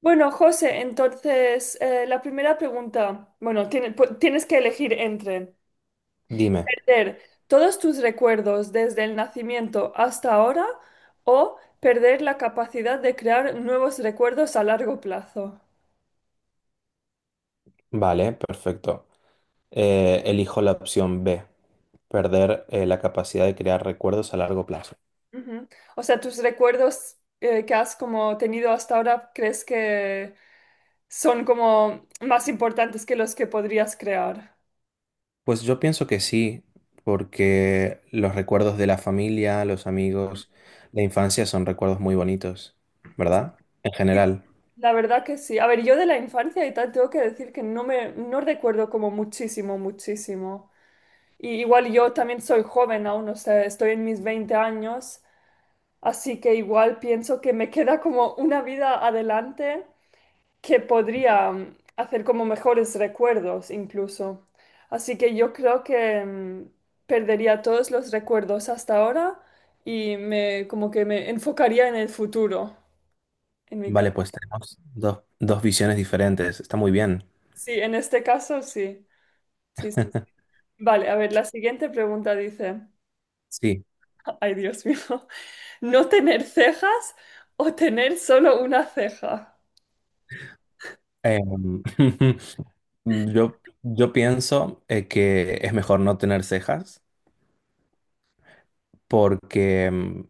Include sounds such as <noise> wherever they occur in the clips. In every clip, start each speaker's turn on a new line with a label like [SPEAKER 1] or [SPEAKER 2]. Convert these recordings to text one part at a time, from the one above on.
[SPEAKER 1] Bueno, José, entonces la primera pregunta, bueno, tienes que elegir entre
[SPEAKER 2] Dime,
[SPEAKER 1] perder todos tus recuerdos desde el nacimiento hasta ahora o perder la capacidad de crear nuevos recuerdos a largo plazo.
[SPEAKER 2] vale, perfecto. Elijo la opción B, perder la capacidad de crear recuerdos a largo plazo.
[SPEAKER 1] Ujú. O sea, tus recuerdos que has como tenido hasta ahora, ¿crees que son como más importantes que los que podrías crear?
[SPEAKER 2] Pues yo pienso que sí, porque los recuerdos de la familia, los amigos, la infancia son recuerdos muy bonitos, ¿verdad? En general.
[SPEAKER 1] La verdad que sí. A ver, yo de la infancia y tal tengo que decir que no recuerdo como muchísimo, muchísimo. Y igual yo también soy joven aún, o sea, estoy en mis 20 años, así que igual pienso que me <laughs> queda como una vida adelante que podría hacer como mejores recuerdos incluso. Así que yo creo que perdería todos los recuerdos hasta ahora y me como que me enfocaría en el futuro, en mi caso.
[SPEAKER 2] Vale, pues tenemos dos visiones diferentes. Está muy bien.
[SPEAKER 1] Sí, en este caso sí. Sí, sí, sí. Vale, a ver, la siguiente pregunta dice,
[SPEAKER 2] Sí.
[SPEAKER 1] ay Dios mío, <laughs> ¿no tener cejas o tener solo una ceja?
[SPEAKER 2] Em, <laughs> yo pienso que es mejor no tener cejas porque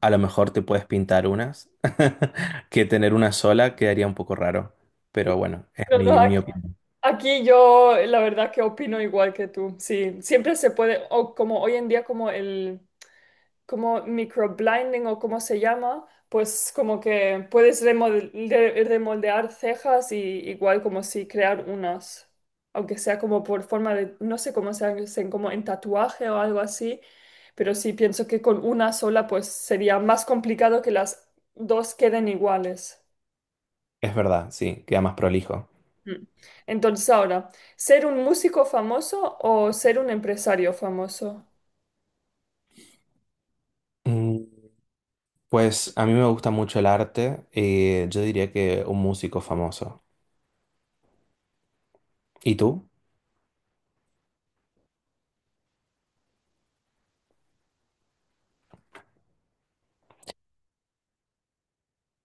[SPEAKER 2] a lo mejor te puedes pintar unas, <laughs> que tener una sola quedaría un poco raro, pero bueno, es
[SPEAKER 1] No, no,
[SPEAKER 2] mi
[SPEAKER 1] aquí,
[SPEAKER 2] opinión.
[SPEAKER 1] aquí yo la verdad que opino igual que tú. Sí, siempre se puede, o como hoy en día como microblinding o como se llama, pues como que puedes remoldear cejas y igual como si crear unas, aunque sea como por forma de, no sé cómo se hacen, como en tatuaje o algo así, pero sí pienso que con una sola pues sería más complicado que las dos queden iguales.
[SPEAKER 2] Es verdad, sí, queda más prolijo.
[SPEAKER 1] Mm. Entonces ahora, ¿ser un músico famoso o ser un empresario famoso?
[SPEAKER 2] Mm. Pues a mí me gusta mucho el arte y yo diría que un músico famoso. ¿Y tú?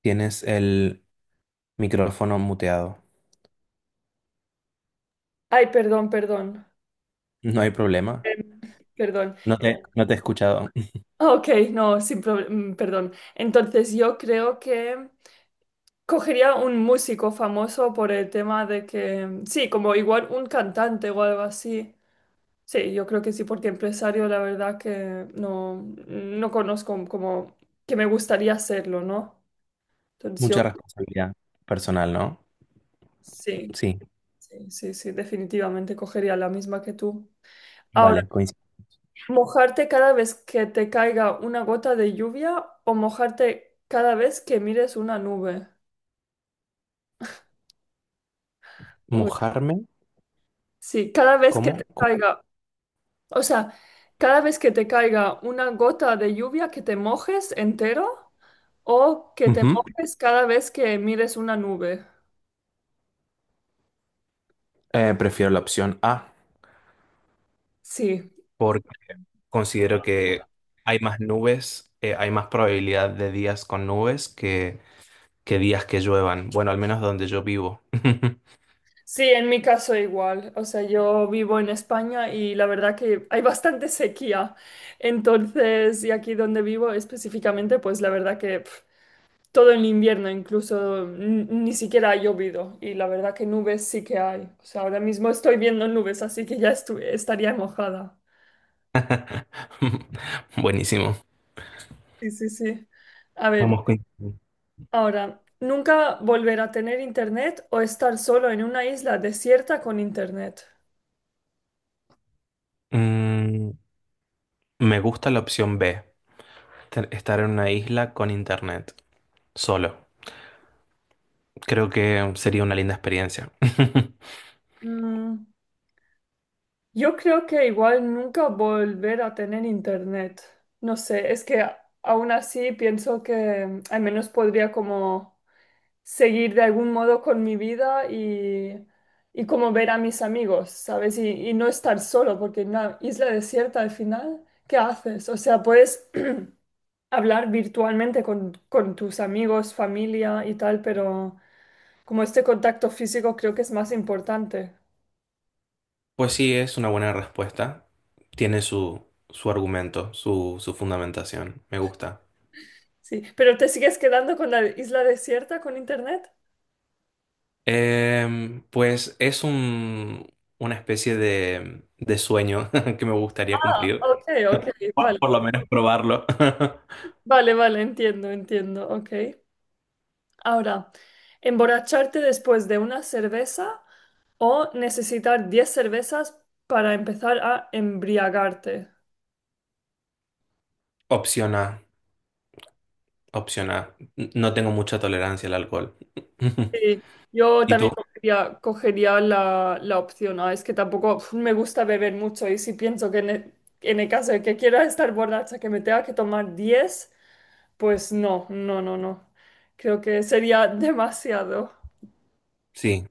[SPEAKER 2] Tienes el micrófono muteado.
[SPEAKER 1] Ay, perdón, perdón.
[SPEAKER 2] No hay problema.
[SPEAKER 1] Em, perdón.
[SPEAKER 2] No te he escuchado. <laughs>
[SPEAKER 1] Ah, ok, no, sin problema, perdón. Entonces yo creo que cogería un músico famoso por el tema de que, sí, como igual un cantante o algo así. Sí, yo creo que sí, porque empresario la verdad que no, no conozco como que me gustaría hacerlo, ¿no? Entonces yo
[SPEAKER 2] Mucha responsabilidad personal, ¿no?
[SPEAKER 1] sí,
[SPEAKER 2] Sí,
[SPEAKER 1] sí, sí, sí, definitivamente cogería la misma que tú. Ahora,
[SPEAKER 2] vale, coincido.
[SPEAKER 1] ¿mojarte cada vez que te caiga una gota de lluvia o mojarte cada vez que mires una nube? Uy,
[SPEAKER 2] ¿Mojarme?
[SPEAKER 1] sí, cada vez que
[SPEAKER 2] ¿Cómo?
[SPEAKER 1] te
[SPEAKER 2] ¿Cómo?
[SPEAKER 1] caiga, o sea, cada vez que te caiga una gota de lluvia que te mojes entero o que te
[SPEAKER 2] Ujú.
[SPEAKER 1] mojes cada vez que mires una nube.
[SPEAKER 2] Prefiero la opción A
[SPEAKER 1] Sí,
[SPEAKER 2] porque considero que hay más nubes, hay más probabilidad de días con nubes que días que lluevan. Bueno, al menos donde yo vivo.
[SPEAKER 1] sí, en mi caso igual. O sea, yo vivo en España y la verdad que hay bastante sequía. Entonces, y aquí donde vivo específicamente, pues la verdad que pf, todo el invierno, incluso ni siquiera ha llovido. Y la verdad que nubes sí que hay. O sea, ahora mismo estoy viendo nubes, así que ya estaría mojada.
[SPEAKER 2] <laughs> Buenísimo.
[SPEAKER 1] Sí, sí, sí. A ver,
[SPEAKER 2] Vamos con...
[SPEAKER 1] ahora, ¿nunca volver a tener internet o estar solo en una isla desierta con internet?
[SPEAKER 2] Mm, me gusta la opción B, estar en una isla con internet, solo. Creo que sería una linda experiencia. <laughs>
[SPEAKER 1] Mm, yo creo que igual nunca volver a tener internet. No sé, es que aún así pienso que al menos podría como seguir de algún modo con mi vida y como ver a mis amigos, ¿sabes? Y no estar solo, porque en una isla desierta al final, ¿qué haces? O sea, puedes <clears throat> hablar virtualmente con tus amigos, familia y tal, pero como este contacto físico creo que es más importante.
[SPEAKER 2] Pues sí, es una buena respuesta. Tiene su argumento, su fundamentación. Me gusta.
[SPEAKER 1] Sí, pero ¿te sigues quedando con la isla desierta con internet?
[SPEAKER 2] Pues es una especie de sueño <laughs> que me gustaría
[SPEAKER 1] Ah,
[SPEAKER 2] cumplir.
[SPEAKER 1] ok, ok,
[SPEAKER 2] Por
[SPEAKER 1] vale.
[SPEAKER 2] lo menos probarlo. <laughs>
[SPEAKER 1] Vale, vale, entiendo, entiendo, ok. Ahora, ¿emborracharte después de una cerveza o necesitar 10 cervezas para empezar a embriagarte?
[SPEAKER 2] Opción A, opción A. No tengo mucha tolerancia al alcohol. <laughs>
[SPEAKER 1] Sí, yo
[SPEAKER 2] ¿Y tú?
[SPEAKER 1] también cogería la opción A. Es que tampoco pf, me gusta beber mucho y si pienso que en en el caso de que quiera <laughs> estar borracha, que me tenga que tomar 10, pues no, no, no, no. Creo que sería <laughs> demasiado.
[SPEAKER 2] Sí,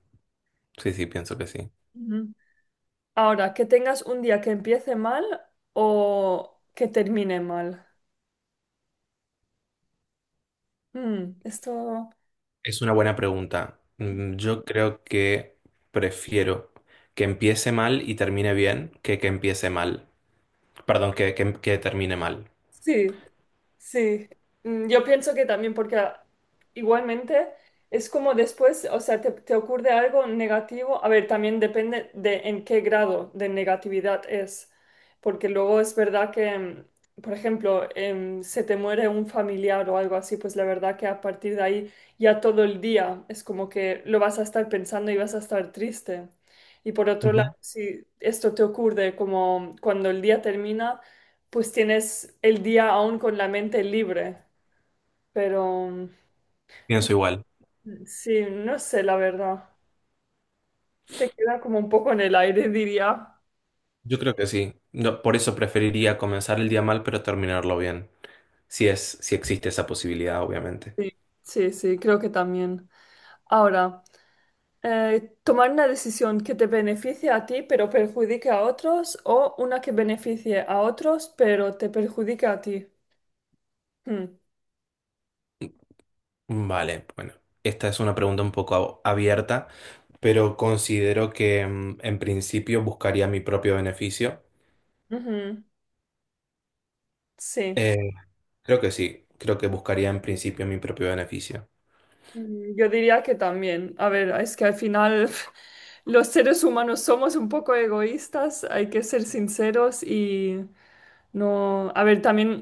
[SPEAKER 2] sí, sí, pienso que sí.
[SPEAKER 1] Ujú. Ahora, que tengas un día que empiece mal o que termine mal. Mm, esto
[SPEAKER 2] Es una buena pregunta. Mm. Yo creo que prefiero que empiece mal y termine bien que empiece mal. Perdón, que termine mal.
[SPEAKER 1] sí, sí. Mm, yo pienso que también porque ah, igualmente es como después, o sea, te ocurre algo negativo. A ver, también depende de en qué grado de negatividad es, porque luego es verdad que, por ejemplo, se te muere un familiar o algo así, pues la verdad que a partir de ahí ya todo el día es como que lo vas a estar pensando y vas a estar triste. Y por otro
[SPEAKER 2] Ujú.
[SPEAKER 1] lado, si esto te ocurre como cuando el día termina pues tienes el día aún con la mente libre, pero
[SPEAKER 2] Pienso igual.
[SPEAKER 1] sí, no sé, la verdad. Te queda como un poco en el aire, <laughs> diría.
[SPEAKER 2] Yo creo que sí. No, por eso preferiría comenzar el día mal, pero terminarlo bien. Si es, si existe esa posibilidad, obviamente.
[SPEAKER 1] Sí, sí, sí, creo que también. Ahora, tomar una decisión que te beneficie a ti pero perjudique a otros o una que beneficie a otros pero te perjudique a ti. Hmm,
[SPEAKER 2] Vale, bueno, esta es una pregunta un poco abierta, pero considero que en principio buscaría mi propio beneficio.
[SPEAKER 1] ujú, sí.
[SPEAKER 2] Eh, creo que sí, creo que buscaría en principio mi propio beneficio.
[SPEAKER 1] Mm, yo diría que también. A ver, es que al final <laughs> los seres humanos somos un poco egoístas, hay que ser sinceros y no, a ver, también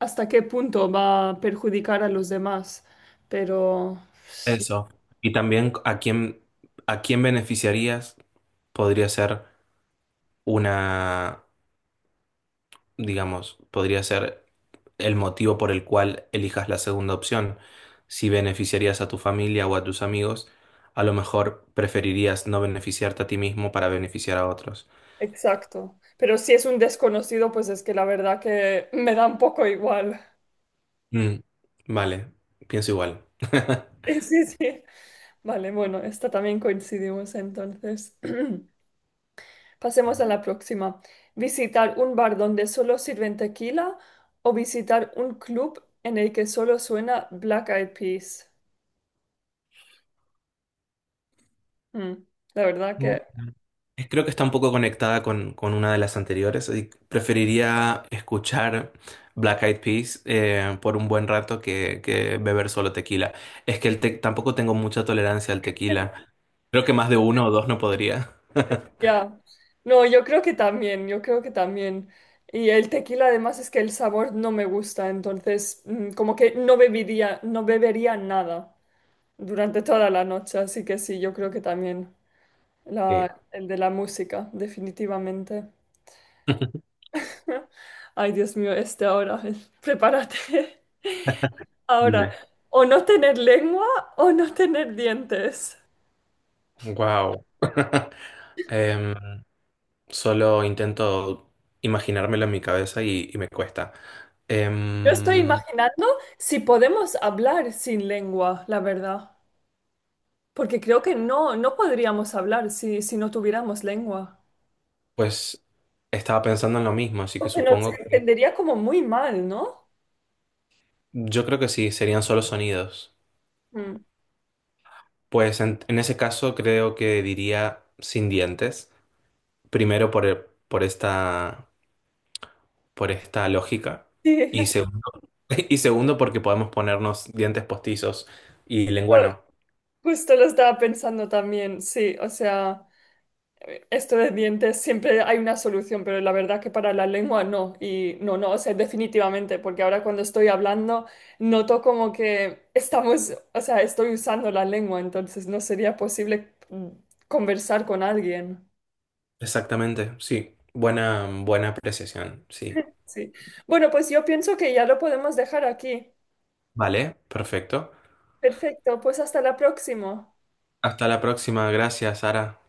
[SPEAKER 1] hasta qué punto va a perjudicar a los demás, pero sí,
[SPEAKER 2] Eso. Y también a a quién beneficiarías podría ser una, digamos, podría ser el motivo por el cual elijas la segunda opción. Si beneficiarías a tu familia o a tus amigos, a lo mejor preferirías no beneficiarte a ti mismo para beneficiar a otros.
[SPEAKER 1] exacto. Pero si es un desconocido, pues es que la verdad que <laughs> me da un poco igual. <laughs>
[SPEAKER 2] Mm, vale, pienso igual. <laughs>
[SPEAKER 1] Sí, sí, sí. Vale, bueno, esta también coincidimos entonces. <clears throat> Pasemos a la próxima. ¿Visitar un bar donde solo sirven tequila o visitar un club en el que solo suena Black Eyed Peas? Mm, la verdad
[SPEAKER 2] Mm.
[SPEAKER 1] que,
[SPEAKER 2] Creo que está un poco conectada con una de las anteriores. Y preferiría escuchar Black Eyed Peas por un buen rato que beber solo tequila. Es que el tampoco tengo mucha tolerancia al tequila. Creo que más de uno o dos no podría.
[SPEAKER 1] ya. No, yo creo que también, yo creo que también. Y el tequila además es que el sabor no me gusta, entonces como que no bebería nada durante toda la noche, así que sí, yo creo que también
[SPEAKER 2] Sí.
[SPEAKER 1] el de la música, definitivamente.
[SPEAKER 2] <laughs>
[SPEAKER 1] <laughs> Ay, Dios mío, este ahora, <laughs> prepárate. Ahora,
[SPEAKER 2] Dime.
[SPEAKER 1] o no tener lengua o no tener dientes.
[SPEAKER 2] Wow. <laughs> Em, solo intento imaginármelo en mi cabeza y me cuesta.
[SPEAKER 1] Yo estoy
[SPEAKER 2] Em,
[SPEAKER 1] imaginando si podemos hablar sin lengua, la verdad. Porque creo que no, no podríamos hablar si no tuviéramos lengua.
[SPEAKER 2] pues estaba pensando en lo mismo, así que
[SPEAKER 1] Porque nos
[SPEAKER 2] supongo.
[SPEAKER 1] entendería como muy mal, ¿no?
[SPEAKER 2] Yo creo que sí, serían solo sonidos.
[SPEAKER 1] Mm.
[SPEAKER 2] Pues en ese caso creo que diría sin dientes, primero por, por esta lógica,
[SPEAKER 1] Sí,
[SPEAKER 2] y segundo, <laughs> y segundo porque podemos ponernos dientes postizos y lengua
[SPEAKER 1] <laughs>
[SPEAKER 2] no.
[SPEAKER 1] justo lo estaba pensando también, sí, o sea. Esto de dientes siempre hay una solución, pero la verdad que para la lengua no. Y no, no, o sea, definitivamente, porque ahora cuando estoy hablando noto como que estamos, o sea, estoy usando la lengua, entonces no sería posible conversar con alguien.
[SPEAKER 2] Exactamente, sí. Buena, buena apreciación, sí.
[SPEAKER 1] Sí. Bueno, pues yo pienso que ya lo podemos dejar aquí.
[SPEAKER 2] Vale, perfecto.
[SPEAKER 1] Perfecto, pues hasta la próxima.
[SPEAKER 2] Hasta la próxima, gracias, Sara.